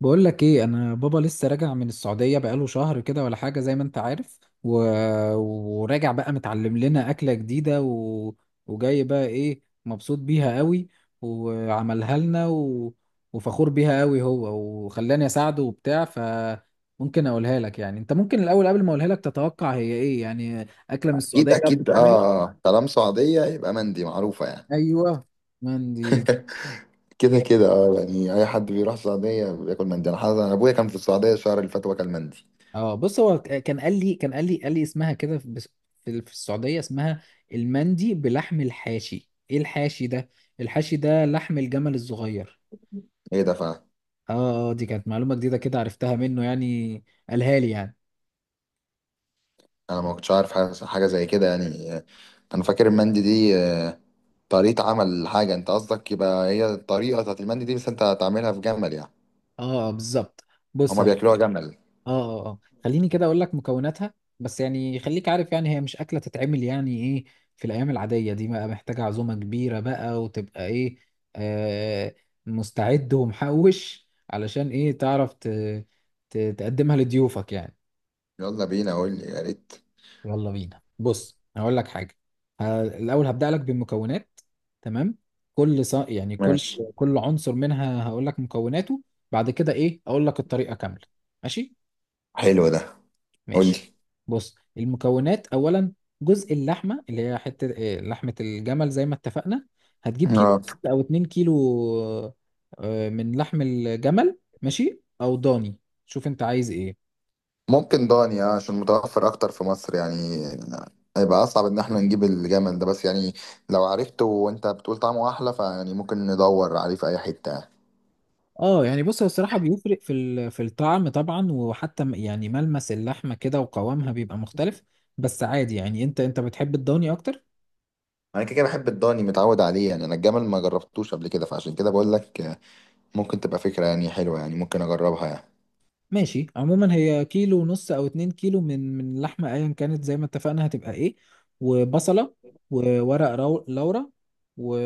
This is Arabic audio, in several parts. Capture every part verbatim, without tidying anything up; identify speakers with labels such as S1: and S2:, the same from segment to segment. S1: بقول لك ايه، انا بابا لسه راجع من السعوديه بقاله شهر كده ولا حاجه زي ما انت عارف و... وراجع بقى متعلم لنا اكله جديده و... وجاي بقى ايه مبسوط بيها قوي وعملها لنا و... وفخور بيها قوي هو، وخلاني اساعده وبتاع. فممكن اقولها لك يعني، انت ممكن الاول قبل ما اقولها لك تتوقع هي ايه، يعني اكله من
S2: اكيد
S1: السعوديه
S2: اكيد،
S1: بتتعمل.
S2: اه طالما سعوديه يبقى مندي معروفه يعني.
S1: ايوه، مندي.
S2: كده كده، اه يعني اي حد بيروح السعوديه بياكل مندي. انا حاسس انا ابويا كان في السعوديه الشهر اللي فات وكل مندي.
S1: اه، بص هو ك- كان قال لي كان قال لي قال لي اسمها كده، في بس- في ال- في السعودية اسمها المندي بلحم الحاشي. ايه الحاشي ده؟ الحاشي ده لحم الجمل الصغير.
S2: ايه ده فعلا؟
S1: اه، اه، دي كانت معلومة جديدة كده، عرفتها منه يعني، قالها لي يعني.
S2: انا ما كنتش عارف حاجه حاجة زي كده يعني. آه، انا فاكر المندي دي، آه، طريقه عمل حاجه انت قصدك؟ يبقى هي الطريقه بتاعت المندي دي بس انت هتعملها في جمل يعني.
S1: اه، آه، بالظبط. بص،
S2: هما بياكلوها جمل.
S1: اه اه اه خليني كده اقول لك مكوناتها. بس يعني خليك عارف، يعني هي مش اكله تتعمل يعني ايه في الايام العاديه دي، بقى محتاجه عزومه كبيره بقى، وتبقى ايه، آه مستعد ومحوش، علشان ايه، تعرف ت... ت... تقدمها لضيوفك يعني.
S2: يلا بينا، قول لي يا ريت.
S1: يلا بينا، بص هقول لك حاجه، ه... الاول هبدا لك بالمكونات. تمام. كل ص... يعني كل
S2: ماشي،
S1: كل عنصر منها هقول لك مكوناته، بعد كده ايه اقول لك الطريقه كامله. ماشي،
S2: حلو ده، قول لي.
S1: ماشي. بص، المكونات اولا. جزء اللحمه، اللي هي حته إيه، لحمه الجمل زي ما اتفقنا. هتجيب كيلو
S2: اه،
S1: او 2 كيلو آه، من لحم الجمل، ماشي، او ضاني، شوف انت عايز ايه.
S2: ممكن داني، آه، عشان متوفر اكتر في مصر يعني. هيبقى اصعب ان احنا نجيب الجمل ده بس يعني. لو عرفته وانت بتقول طعمه احلى فيعني ممكن ندور عليه في اي حته يعني.
S1: اه يعني، بص هو الصراحه بيفرق في ال- في الطعم طبعا، وحتى م- يعني ملمس اللحمه كده وقوامها بيبقى مختلف. بس عادي يعني، انت انت بتحب الضاني اكتر.
S2: انا كده كده بحب الضاني، متعود عليه يعني. انا الجمل ما جربتوش قبل كده، فعشان كده بقول لك، آه، ممكن تبقى فكره يعني حلوه يعني، ممكن اجربها يعني.
S1: ماشي، عموما هي كيلو ونص او اتنين كيلو من من اللحمه ايا كانت زي ما اتفقنا، هتبقى ايه، وبصله، وورق رو... لورا، و...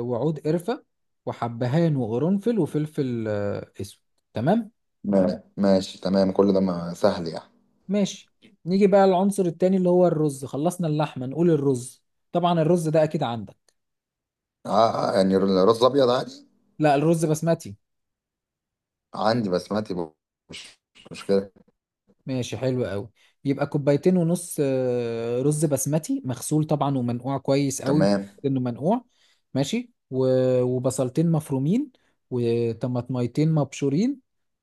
S1: وعود قرفه، وحبهان وقرنفل وفلفل آه، اسود. تمام.
S2: ما- ماشي، تمام، كل ده ما سهل يعني.
S1: ماشي، نيجي بقى للعنصر التاني اللي هو الرز، خلصنا اللحمه نقول الرز. طبعا الرز ده اكيد عندك.
S2: آه، آه، يعني الرز ابيض عادي؟
S1: لا، الرز بسمتي.
S2: عندي بسمتي، مش مش مشكله.
S1: ماشي، حلو قوي. يبقى كوبايتين ونص آه، رز بسمتي، مغسول طبعا ومنقوع كويس قوي،
S2: تمام.
S1: انه منقوع. ماشي، و- وبصلتين مفرومين، وطماطميتين مبشورين،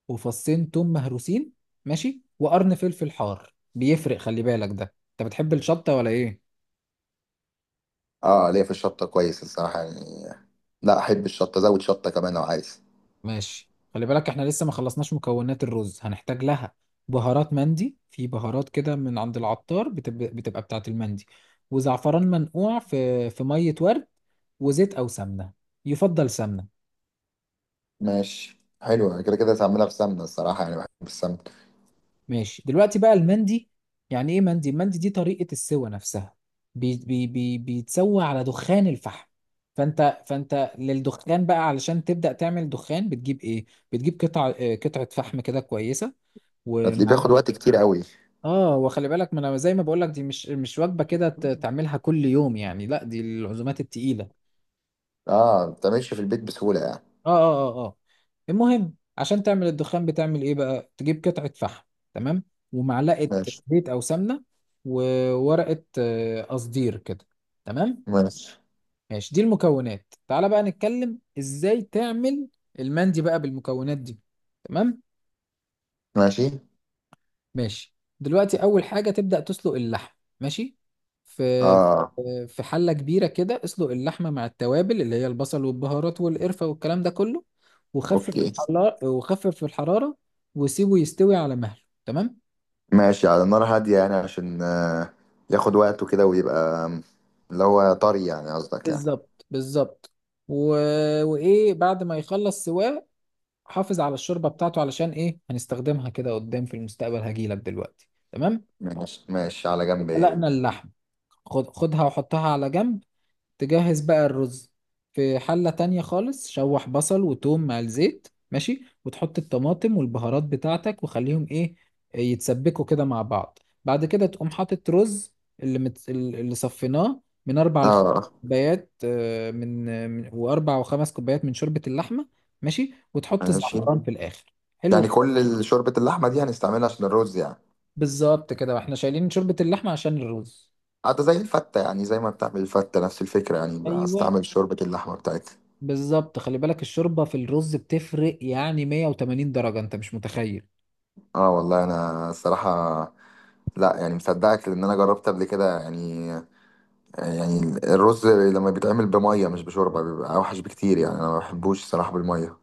S1: وفصين توم مهروسين. ماشي، وقرن فلفل حار بيفرق، خلي بالك ده، انت بتحب الشطة ولا ايه؟
S2: اه، ليا في الشطه كويس الصراحه يعني، لا احب الشطه، زود شطه كمان لو عايز.
S1: ماشي، خلي بالك احنا لسه ما خلصناش مكونات الرز هنحتاج لها. بهارات مندي، في بهارات كده من عند العطار بتبقى, بتبقى بتاعة المندي. وزعفران منقوع في في مية ورد، وزيت او سمنة، يفضل سمنة.
S2: ماشي، حلوة، كده كده هتعملها في سمنة الصراحة يعني، بحب السمك.
S1: ماشي، دلوقتي بقى المندي يعني ايه. مندي، المندي دي طريقة السوى نفسها، بي بي بي بيتسوى على دخان الفحم. فانت فانت للدخان بقى، علشان تبدأ تعمل دخان بتجيب ايه، بتجيب قطع اه، قطعة فحم كده كويسة،
S2: هتلاقيه بياخد
S1: ومعلقة.
S2: وقت كتير قوي.
S1: اه، وخلي بالك، ما انا زي ما بقول لك دي مش مش وجبه كده ت- تعملها كل يوم يعني، لا، دي العزومات التقيله.
S2: اه، ما بتعملش في البيت بسهولة يعني.
S1: اه، اه، اه، اه. المهم، عشان تعمل الدخان بتعمل ايه بقى، تجيب قطعه فحم، تمام، ومعلقه
S2: ماشي،
S1: زيت او سمنه، وورقه آه، قصدير كده، تمام.
S2: ماشي،
S1: ماشي، دي المكونات، تعالى بقى نتكلم ازاي تعمل المندي بقى بالمكونات دي، تمام.
S2: ماشي،
S1: ماشي. دلوقتي اول حاجه تبدا تسلق اللحم، ماشي، في
S2: اه،
S1: في حله كبيره كده، اسلق اللحمه مع التوابل اللي هي البصل والبهارات والقرفه والكلام ده كله، وخفف
S2: اوكي.
S1: الحراره وخفف الحراره، وسيبه يستوي على مهله، تمام.
S2: ماشي، على نار هادية يعني عشان آه ياخد وقته كده، ويبقى آم، اللي هو طري يعني قصدك يعني.
S1: بالظبط، بالظبط. و... وايه، بعد ما يخلص سواه حافظ على الشوربه بتاعته، علشان ايه، هنستخدمها كده قدام في المستقبل، هجيلك دلوقتي. تمام.
S2: ماشي، ماشي على جنب ايه.
S1: سلقنا اللحم، خد خدها وحطها على جنب، تجهز بقى الرز. في حلة تانية خالص، شوح بصل وتوم مع الزيت، ماشي، وتحط الطماطم والبهارات بتاعتك وخليهم ايه، يتسبكوا كده مع بعض. بعد كده تقوم حاطط رز، اللي مت... اللي صفيناه، من اربع لخمس
S2: اه،
S1: كوبايات، آه، من من- واربع وخمس كوبايات من شوربة اللحمة، ماشي. وتحط
S2: ماشي.
S1: الزعفران في الاخر، حلو
S2: يعني
S1: كده.
S2: كل ال- شوربة اللحمة دي هنستعملها عشان الرز يعني؟
S1: بالظبط كده، واحنا شايلين شوربة اللحمة عشان الرز.
S2: حتى زي الفتة يعني، زي ما بتعمل الفتة نفس الفكرة يعني،
S1: ايوه،
S2: هستعمل شوربة اللحمة بتاعتها.
S1: بالظبط. خلي بالك الشوربة في الرز بتفرق يعني مية وتمانين درجة، انت مش متخيل.
S2: اه والله انا الصراحه، لا يعني مصدقك، لان انا جربت قبل كده يعني يعني الرز لما بيتعمل بميه مش بشوربه بيبقى اوحش بكتير يعني، انا ما بحبوش الصراحه بالميه.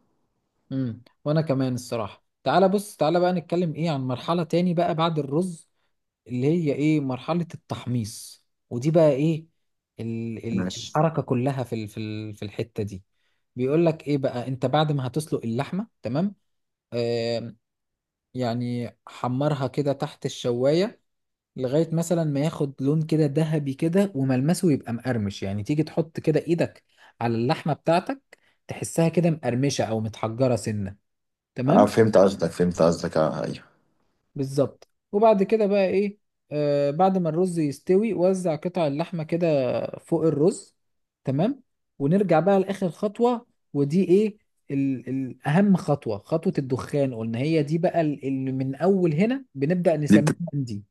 S1: امم وانا كمان الصراحة. تعالى بص، تعالى بقى نتكلم ايه عن مرحلة تاني بقى بعد الرز، اللي هي ايه، مرحلة التحميص. ودي بقى ايه، ال ال
S2: ماشي.
S1: الحركة كلها في ال في ال في الحتة دي. بيقول لك ايه بقى، انت بعد ما هتسلق اللحمة تمام، آه يعني حمرها كده تحت الشواية، لغاية مثلا ما ياخد لون كده ذهبي كده وملمسه يبقى مقرمش. يعني تيجي تحط كده ايدك على اللحمة بتاعتك، تحسها كده مقرمشة او متحجرة سنة،
S2: اه
S1: تمام.
S2: فهمت قصدك، فهمت قصدك، اه، ايوه.
S1: بالظبط. وبعد كده بقى ايه، آه بعد ما الرز يستوي، وزع قطع اللحمة كده فوق الرز، تمام. ونرجع بقى لآخر خطوة، ودي ايه، ال- ال- اهم خطوة، خطوة الدخان قلنا، هي دي بقى ال- اللي من اول هنا بنبدأ
S2: دي
S1: نسميها
S2: بت...
S1: مندي.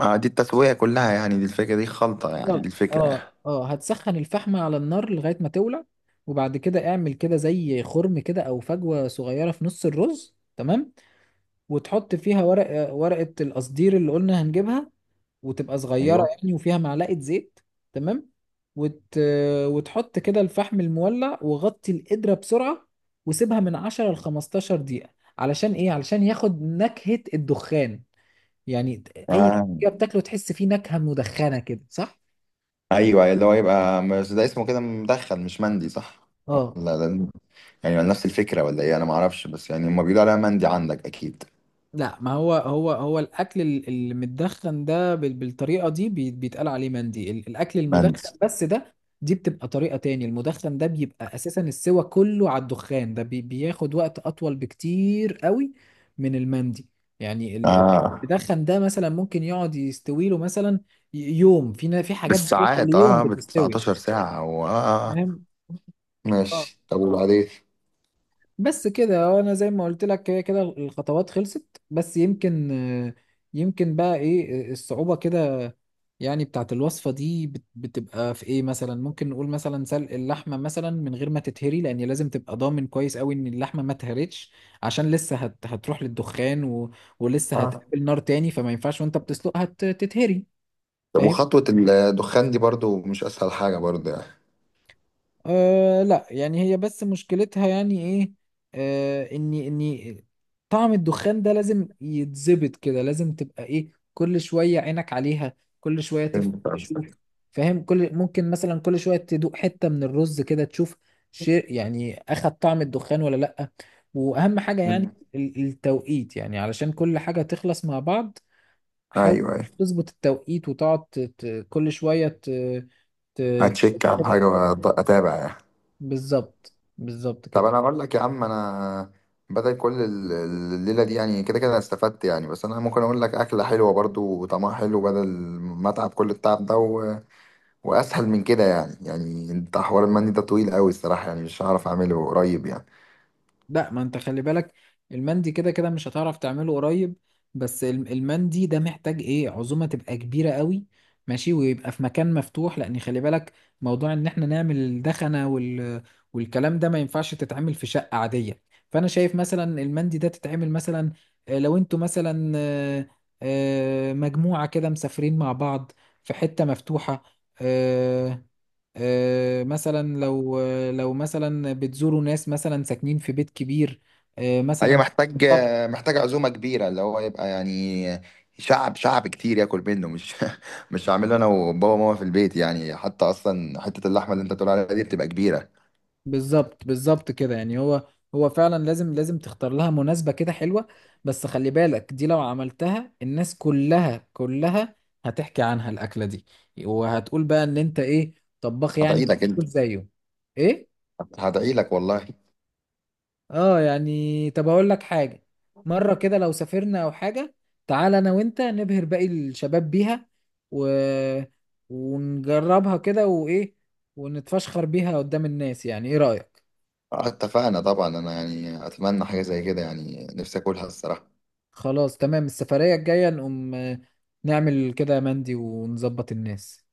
S2: آه، دي التسوية كلها يعني، دي الفكرة، دي خلطة يعني، دي
S1: بالظبط،
S2: الفكرة
S1: اه،
S2: يعني.
S1: اه. هتسخن الفحمة على النار لغاية ما تولع، وبعد كده اعمل كده زي خرم كده او فجوة صغيرة في نص الرز، تمام. وتحط فيها ورق ورقة القصدير اللي قلنا هنجيبها، وتبقى صغيرة
S2: ايوه.
S1: يعني، وفيها معلقة زيت، تمام. وت... وتحط كده الفحم المولع، وغطي القدرة بسرعة، وسيبها من عشر ل خمستاشر دقيقة، علشان ايه، علشان ياخد نكهة الدخان يعني. اي
S2: آه.
S1: حاجة بتاكله تحس فيه نكهة مدخنة كده، صح.
S2: ايوه، اللي هو يبقى بس ده اسمه كده مدخن مش مندي، صح؟
S1: اه،
S2: ولا ده يعني نفس الفكرة، ولا ايه؟ انا ما اعرفش، بس يعني هما بيقولوا عليها مندي عندك اكيد.
S1: لا، ما هو هو هو الاكل ال- اللي متدخن ده بال- بالطريقه دي بي- بيتقال عليه مندي، ال- الاكل المدخن
S2: مندي.
S1: بس ده. دي بتبقى طريقه تاني، المدخن ده بيبقى اساسا السوى كله على الدخان ده بي- بياخد وقت اطول بكتير قوي من المندي. يعني ال- ال-
S2: اه،
S1: المدخن ده مثلا ممكن يقعد يستوي له مثلا، ي- يوم، في نا- في حاجات بتوصل
S2: بالساعات،
S1: ليوم
S2: اه، بال
S1: بتستوي.
S2: تسعة عشر ساعة و- اه آه. آه،
S1: فاهم؟
S2: ماشي. طب وبعدين؟
S1: بس كده، هو انا زي ما قلت لك كده كده الخطوات خلصت، بس يمكن، آه، يمكن بقى ايه آه، الصعوبة كده يعني بتاعت الوصفة دي بت- بتبقى في ايه مثلا. ممكن نقول مثلا سلق اللحمة مثلا من غير ما تتهري، لان لازم تبقى ضامن كويس قوي ان اللحمة ما اتهرتش، عشان لسه هت هتروح للدخان و... ولسه
S2: اه،
S1: هتقابل نار تاني، فما ينفعش وانت بتسلقها ت- تتهري.
S2: طب
S1: فاهم؟
S2: وخطوة الدخان دي برضو مش أسهل حاجة برضو يعني.
S1: أه لا يعني هي بس مشكلتها يعني ايه، أه اني اني طعم الدخان ده لازم يتظبط كده، لازم تبقى ايه كل شوية عينك عليها، كل شوية تف-
S2: فهمت
S1: تشوف.
S2: قصدك.
S1: فاهم؟ كل ممكن مثلا كل شوية تدوق حتة من الرز كده تشوف شيء يعني، اخد طعم الدخان ولا لا. واهم حاجة يعني
S2: مم.
S1: ال- التوقيت، يعني علشان كل حاجة تخلص مع بعض.
S2: أيوه،
S1: حاول
S2: أيوه.
S1: تظبط التوقيت، وتقعد ت- ت- كل شوية ت- ت-
S2: هتشيك على حاجة وأتابع يعني.
S1: بالظبط، بالظبط
S2: طب
S1: كده.
S2: أنا أقول لك يا عم، أنا بدل كل ال- الليلة دي يعني، كده كده أنا استفدت يعني، بس أنا ممكن أقول لك أكلة حلوة برضو وطعمها حلو، بدل ما أتعب كل التعب ده و... وأسهل من كده يعني يعني أنت حوار المندي ده طويل أوي الصراحة يعني، مش هعرف أعمله قريب يعني.
S1: لا، ما انت خلي بالك المندي كده كده مش هتعرف تعمله قريب، بس الم- المندي ده محتاج ايه عزومة تبقى كبيرة قوي، ماشي، ويبقى في مكان مفتوح، لان خلي بالك موضوع ان احنا نعمل الدخنة وال... والكلام ده ما ينفعش تتعمل في شقة عادية. فانا شايف مثلا المندي ده تتعمل مثلا، آه، لو انتوا مثلا، آه، آه، مجموعة كده مسافرين مع بعض في حتة مفتوحة، آه، آه، مثلا لو، لو مثلا بتزوروا ناس مثلا ساكنين في بيت كبير، آه،
S2: هي
S1: مثلا في
S2: محتاج
S1: السطح.
S2: محتاج عزومة كبيرة، اللي هو يبقى يعني شعب شعب كتير ياكل منه، مش مش هعمله انا وبابا وماما في البيت يعني. حتى اصلا حتة اللحمة اللي انت بتقول عليها دي بتبقى كبيرة.
S1: بالظبط، بالظبط كده. يعني هو هو فعلا لازم لازم تختار لها مناسبة كده حلوة. بس خلي بالك دي لو عملتها، الناس كلها كلها هتحكي عنها الأكلة دي، وهتقول بقى إن أنت إيه، طباخ يعني
S2: هدعي لك انت،
S1: بتاكل زيه. إيه.
S2: هدعي لك والله.
S1: اه يعني، طب اقول لك حاجه، مره كده لو سافرنا او حاجه، تعال انا وانت نبهر باقي الشباب بيها، و... ونجربها كده وايه، ونتفشخر بيها قدام الناس. يعني ايه رايك؟
S2: اتفقنا طبعا، انا يعني اتمنى حاجة زي كده يعني، نفسي اكلها الصراحة.
S1: خلاص تمام، السفريه الجايه نقوم آه، نعمل كده يا مندي ونظبط الناس.